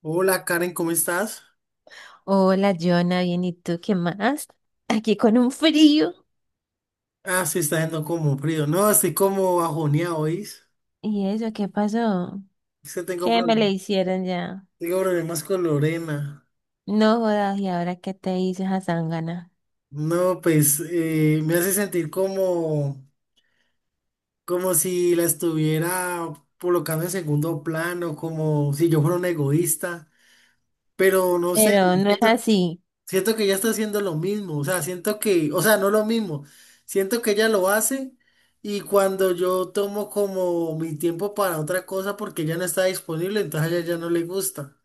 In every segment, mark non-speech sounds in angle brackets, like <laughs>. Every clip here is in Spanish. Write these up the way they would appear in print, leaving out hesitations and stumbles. Hola Karen, ¿cómo estás? Hola, Jonah, bien, ¿y tú qué más? Aquí con un frío. Ah, sí, está yendo como frío. No, estoy como bajoneado, ¿oís? ¿Y eso qué pasó? Es que tengo ¿Qué me le problemas, hicieron ya? Tengo problemas con Lorena. No jodas, ¿y ahora qué te hizo esa zángana? No, pues me hace sentir como, como si la estuviera colocando en segundo plano, como si yo fuera un egoísta. Pero no sé, Pero no es siento así, Siento que ella está haciendo lo mismo, o sea, siento que, o sea, no lo mismo, siento que ella lo hace y cuando yo tomo como mi tiempo para otra cosa porque ella no está disponible, entonces a ella ya no le gusta.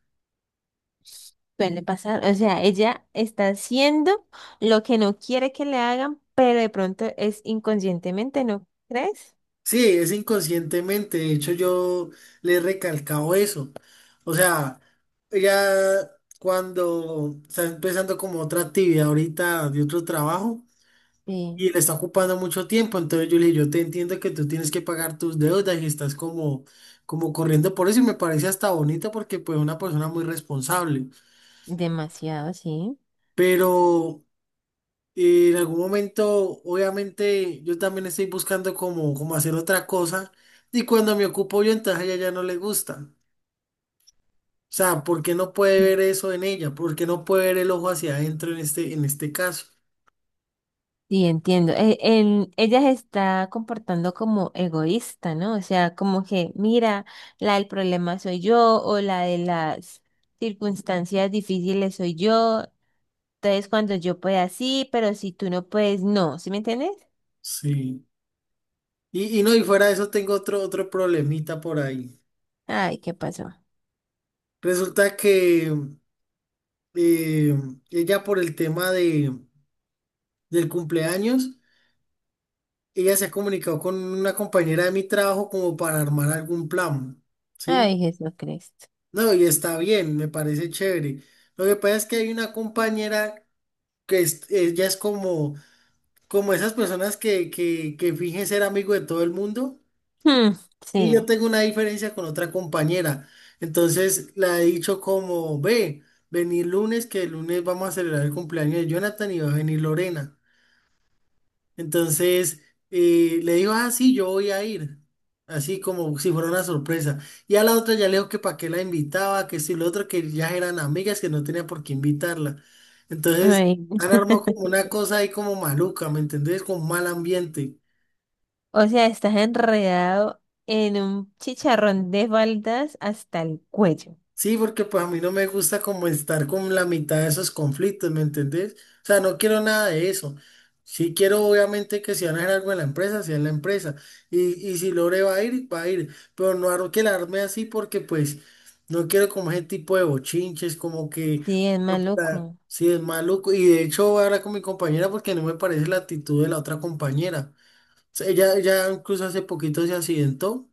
suele pasar. O sea, ella está haciendo lo que no quiere que le hagan, pero de pronto es inconscientemente, ¿no crees? Sí, es inconscientemente, de hecho yo le he recalcado eso. O sea, ella cuando está empezando como otra actividad ahorita de otro trabajo. Sí, Y le está ocupando mucho tiempo. Entonces yo le dije, yo te entiendo que tú tienes que pagar tus deudas y estás como, como corriendo por eso y me parece hasta bonito porque pues una persona muy responsable. demasiado, sí. Pero en algún momento, obviamente, yo también estoy buscando como, como hacer otra cosa y cuando me ocupo yo, entonces a ella ya no le gusta. O sea, ¿por qué no puede ver eso en ella? ¿Por qué no puede ver el ojo hacia adentro en este caso? Sí, entiendo. Ella se está comportando como egoísta, ¿no? O sea, como que, mira, la del problema soy yo o la de las circunstancias difíciles soy yo. Entonces, cuando yo pueda, sí, pero si tú no puedes, no. ¿Sí me entiendes? Sí. Y no, y fuera de eso tengo otro, otro problemita por ahí. Ay, ¿qué pasó? Resulta que eh, ella por el tema de, del cumpleaños, ella se ha comunicado con una compañera de mi trabajo como para armar algún plan, ¿sí? Ay, Jesucristo. No, y está bien, me parece chévere. Lo que pasa es que hay una compañera ella es como, como esas personas que fingen ser amigo de todo el mundo. Hmm, Y yo sí. tengo una diferencia con otra compañera. Entonces la he dicho como, ve, venir lunes, que el lunes vamos a celebrar el cumpleaños de Jonathan y va a venir Lorena. Entonces le digo, ah, sí, yo voy a ir. Así como si fuera una sorpresa. Y a la otra ya le digo que para qué la invitaba, que si lo otro, que ya eran amigas, que no tenía por qué invitarla. Entonces Ay. han armado como una cosa ahí como maluca, ¿me entendés? Con mal ambiente. O sea, estás enredado en un chicharrón de faldas hasta el cuello. Sí, porque pues a mí no me gusta como estar con la mitad de esos conflictos, ¿me entendés? O sea, no quiero nada de eso. Sí quiero obviamente que si van a hacer algo en la empresa, sea en la empresa. Y si Lore va a ir, va a ir. Pero no quiero quedarme así porque pues no quiero como ese tipo de bochinches, como que Sí, es no, maluco. sí es maluco. Y de hecho voy a hablar con mi compañera porque no me parece la actitud de la otra compañera. O sea, ella incluso hace poquito se accidentó.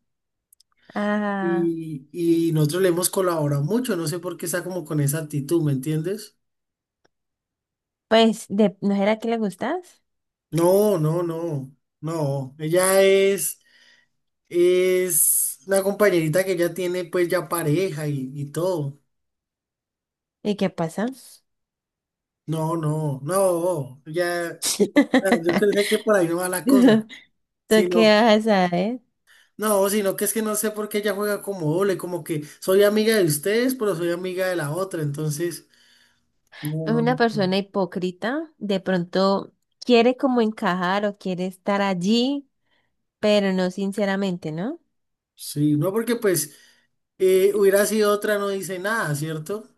Ah. Y nosotros le hemos colaborado mucho, no sé por qué está como con esa actitud, ¿me entiendes? Pues, de, ¿no era que le gustas? No, no, no, no. Es una compañerita que ya tiene pues ya pareja y todo. ¿Y qué pasa? No, no, no, ya, ah, yo <laughs> pensé que por ahí no va la cosa, ¿Tú qué sino, vas a saber? no, sino que es que no sé por qué ella juega como doble, como que soy amiga de ustedes, pero soy amiga de la otra, entonces, no, Es no, una no. persona hipócrita, de pronto quiere como encajar o quiere estar allí, pero no sinceramente, ¿no? Sí, no, porque pues... hubiera sido otra, no dice nada, ¿cierto?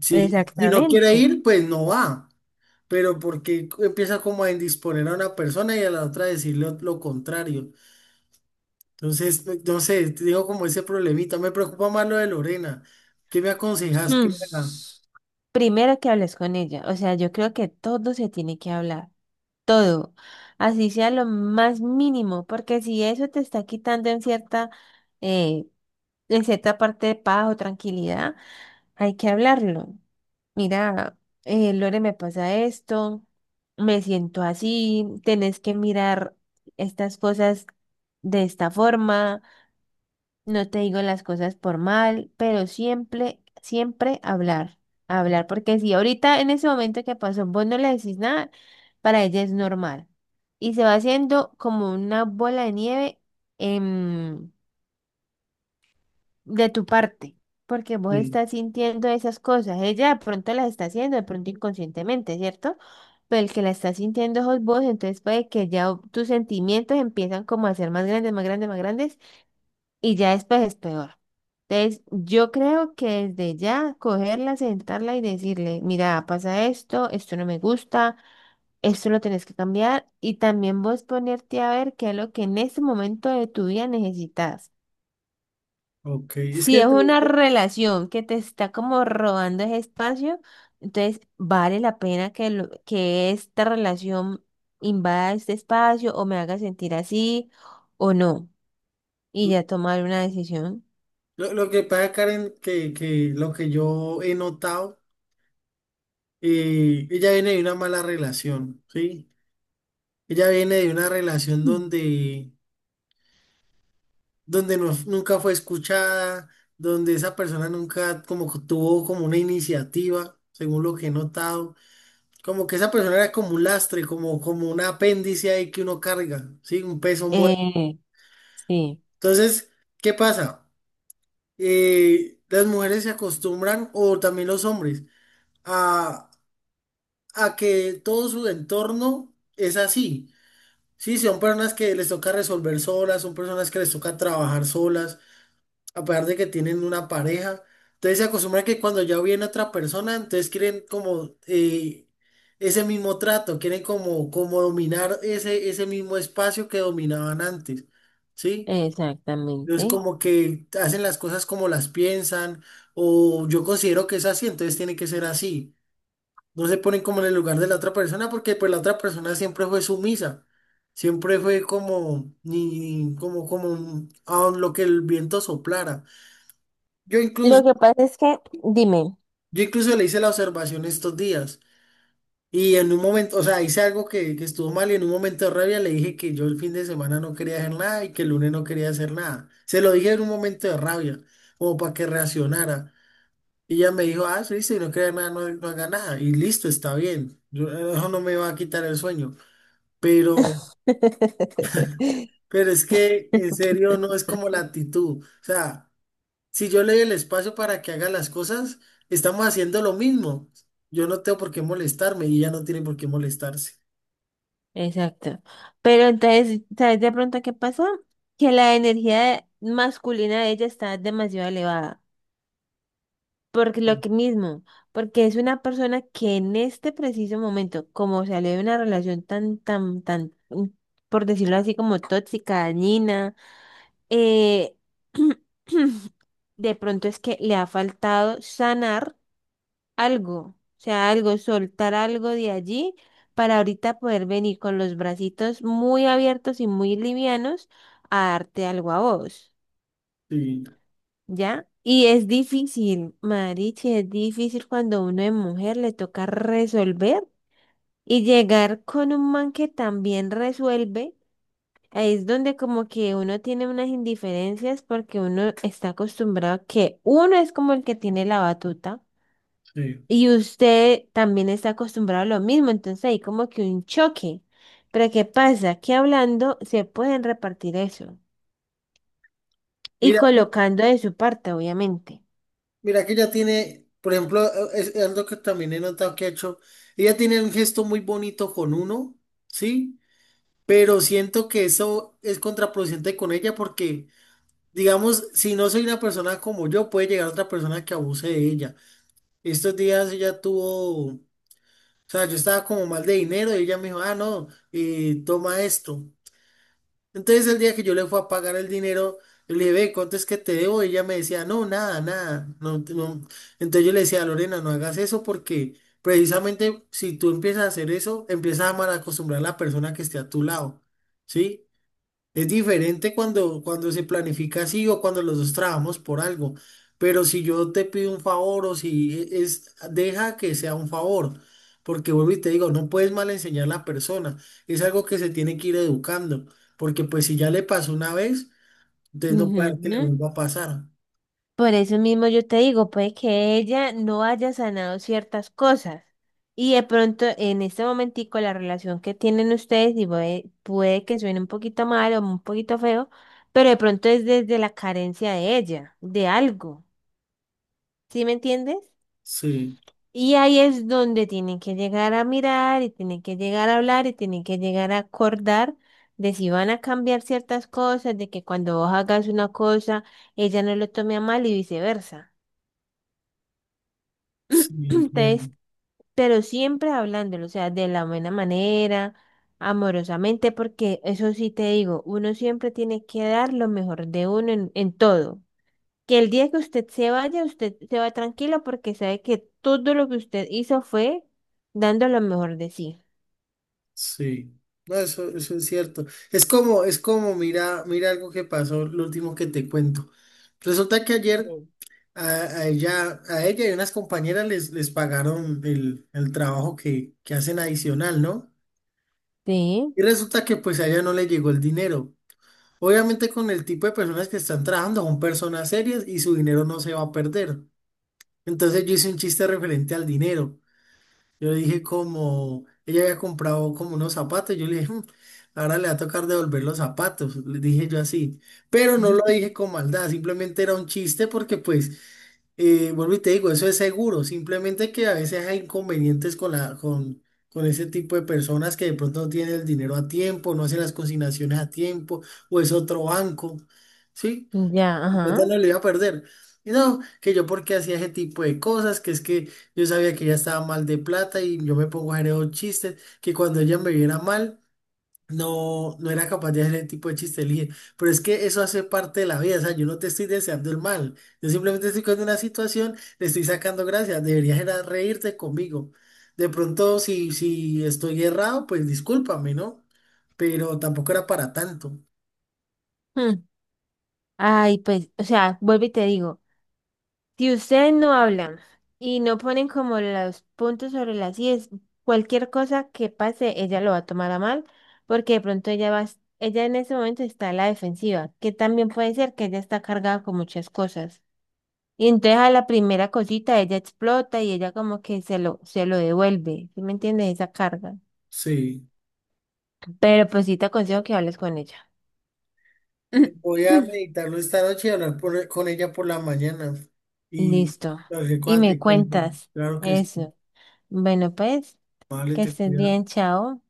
Sí, si no quiere Exactamente. ir, pues no va. Pero porque empieza como a indisponer a una persona y a la otra decirle lo contrario. Entonces, no sé, te digo como ese problemita. Me preocupa más lo de Lorena. ¿Qué me aconsejas Hmm. que haga? Primero que hables con ella, o sea, yo creo que todo se tiene que hablar, todo, así sea lo más mínimo, porque si eso te está quitando eh, en cierta parte de paz o tranquilidad, hay que hablarlo. Mira, Lore, me pasa esto, me siento así, tenés que mirar estas cosas de esta forma, no te digo las cosas por mal, pero siempre, siempre hablar, hablar, porque si ahorita en ese momento que pasó vos no le decís nada, para ella es normal. Y se va haciendo como una bola de nieve de tu parte, porque vos Sí, estás sintiendo esas cosas. Ella de pronto las está haciendo, de pronto inconscientemente, ¿cierto? Pero el que la está sintiendo sos vos, entonces puede que ya tus sentimientos empiezan como a ser más grandes, más grandes, más grandes, y ya después es peor. Entonces, yo creo que desde ya cogerla, sentarla y decirle, mira, pasa esto, esto no me gusta, esto lo tenés que cambiar, y también vos ponerte a ver qué es lo que en este momento de tu vida necesitas. ok. Si es una relación que te está como robando ese espacio, entonces vale la pena que, que esta relación invada este espacio o me haga sentir así o no. Y ya tomar una decisión. Lo que pasa, Karen, que lo que yo he notado, ella viene de una mala relación, ¿sí? Ella viene de una relación Mm. donde donde nunca fue escuchada, donde esa persona nunca como que tuvo como una iniciativa, según lo que he notado. Como que esa persona era como un lastre, como, como un apéndice ahí que uno carga, ¿sí? Un peso muerto. Eh, sí, Entonces, ¿qué pasa? Las mujeres se acostumbran, o también los hombres, a, a que todo su entorno es así. Sí, son personas que les toca resolver solas, son personas que les toca trabajar solas. Aparte de que tienen una pareja, entonces se acostumbran que cuando ya viene otra persona, entonces quieren como ese mismo trato, quieren como, como dominar ese, ese mismo espacio que dominaban antes, ¿sí? Entonces exactamente. como que hacen las cosas como las piensan, o yo considero que es así, entonces tiene que ser así. No se ponen como en el lugar de la otra persona porque pues la otra persona siempre fue sumisa. Siempre fue como, ni, como, como, a lo que el viento soplara. Yo incluso Lo que pasa es que, dime. Yo incluso le hice la observación estos días y en un momento, o sea, hice algo que estuvo mal y en un momento de rabia le dije que yo el fin de semana no quería hacer nada y que el lunes no quería hacer nada. Se lo dije en un momento de rabia, como para que reaccionara. Y ella me dijo, ah, sí, si no quería nada, no, no haga nada. Y listo, está bien. Yo, eso no me va a quitar el sueño. Pero, <laughs> pero es que en serio no es como la actitud. O sea... Si yo le doy el espacio para que haga las cosas, estamos haciendo lo mismo. Yo no tengo por qué molestarme y ella no tiene por qué molestarse. Exacto. Pero entonces, ¿sabes de pronto qué pasó? Que la energía masculina de ella está demasiado elevada. Por lo que mismo, porque es una persona que en este preciso momento, como salió de una relación tan, tan, tan, por decirlo así, como tóxica, dañina, eh, <clears throat> de pronto es que le ha faltado sanar algo, o sea, algo, soltar algo de allí para ahorita poder venir con los bracitos muy abiertos y muy livianos a darte algo a vos. Sí, ¿Ya? Y es difícil, Marichi, es difícil cuando uno es mujer le toca resolver y llegar con un man que también resuelve. Ahí es donde como que uno tiene unas indiferencias porque uno está acostumbrado a que uno es como el que tiene la batuta sí. y usted también está acostumbrado a lo mismo, entonces hay como que un choque. Pero ¿qué pasa? Que hablando se pueden repartir eso y Mira, mi- colocando de su parte, obviamente. mira que ella tiene, por ejemplo, es algo que también he notado que ha hecho. Ella tiene un gesto muy bonito con uno, ¿sí? Pero siento que eso es contraproducente con ella porque, digamos, si no soy una persona como yo, puede llegar otra persona que abuse de ella. Estos días ella tuvo O sea, yo estaba como mal de dinero y ella me dijo, ah, no, toma esto. Entonces el día que yo le fui a pagar el dinero, yo le dije, ve, ¿cuánto es que te debo? Y ella me decía, no, nada, nada. No, no". Entonces yo le decía, Lorena, no hagas eso porque precisamente si tú empiezas a hacer eso, empiezas a malacostumbrar a la persona que esté a tu lado, ¿sí? Es diferente cuando, cuando se planifica así o cuando los dos trabajamos por algo. Pero si yo te pido un favor o si es, deja que sea un favor. Porque vuelvo y te digo, no puedes mal enseñar a la persona. Es algo que se tiene que ir educando. Porque pues si ya le pasó una vez, entonces no puede Ujú. dar que le vuelva a pasar. Por eso mismo yo te digo, puede que ella no haya sanado ciertas cosas y de pronto en este momentico la relación que tienen ustedes y puede que suene un poquito mal o un poquito feo, pero de pronto es desde la carencia de ella, de algo, ¿sí me entiendes? Sí, Y ahí es donde tienen que llegar a mirar y tienen que llegar a hablar y tienen que llegar a acordar de si van a cambiar ciertas cosas, de que cuando vos hagas una cosa, ella no lo tome a mal y viceversa. sí, entiendo. Entonces, pero siempre hablándolo, o sea, de la buena manera, amorosamente, porque eso sí te digo, uno siempre tiene que dar lo mejor de uno en todo. Que el día que usted se vaya, usted se va tranquilo porque sabe que todo lo que usted hizo fue dando lo mejor de sí. Sí. No, eso es cierto. Es como, mira, mira algo que pasó, lo último que te cuento. Resulta que ayer Bien. A, a ella y unas compañeras les pagaron el trabajo que hacen adicional, ¿no? Sí, Y resulta que pues a ella no le llegó el dinero. Obviamente con el tipo de personas que están trabajando son personas serias y su dinero no se va a perder. Entonces yo hice un chiste referente al dinero. Yo le dije como, ella había comprado como unos zapatos, yo le dije, "Mm, ahora le va a tocar devolver los zapatos, le dije yo así. Pero no lo dije con maldad, simplemente era un chiste porque pues... vuelvo y te digo, eso es seguro, simplemente que a veces hay inconvenientes con la, con ese tipo de personas que de pronto no tienen el dinero a tiempo, no hacen las consignaciones a tiempo, o es otro banco, ¿sí? ya, Plata ajá. no lo iba a perder. Y no, que yo porque hacía ese tipo de cosas, que es que yo sabía que ella estaba mal de plata y yo me pongo a hacer esos chistes, que cuando ella me viera mal, no, no era capaz de hacer ese tipo de chiste, le dije, pero es que eso hace parte de la vida, o sea, yo no te estoy deseando el mal, yo simplemente estoy con una situación, le estoy sacando gracias, deberías era reírte conmigo. De pronto, si, si estoy errado, pues discúlpame, ¿no? Pero tampoco era para tanto. Mm. Ay, pues, o sea, vuelvo y te digo. Si ustedes no hablan y no ponen como los puntos sobre las íes, cualquier cosa que pase, ella lo va a tomar a mal, porque de pronto ella va, ella en ese momento está a la defensiva, que también puede ser que ella está cargada con muchas cosas. Y entonces a la primera cosita ella explota y ella como que se lo devuelve, ¿sí me entiendes? Esa carga. Sí. Pero pues sí te aconsejo que hables con ella. Voy a <clears throat> meditarlo esta noche y hablar con ella por la mañana. Y Listo. cualquier Y cosa me te cuento. cuentas Claro que sí, eso. Bueno, pues, vale, que te estés bien, cuidas. chao.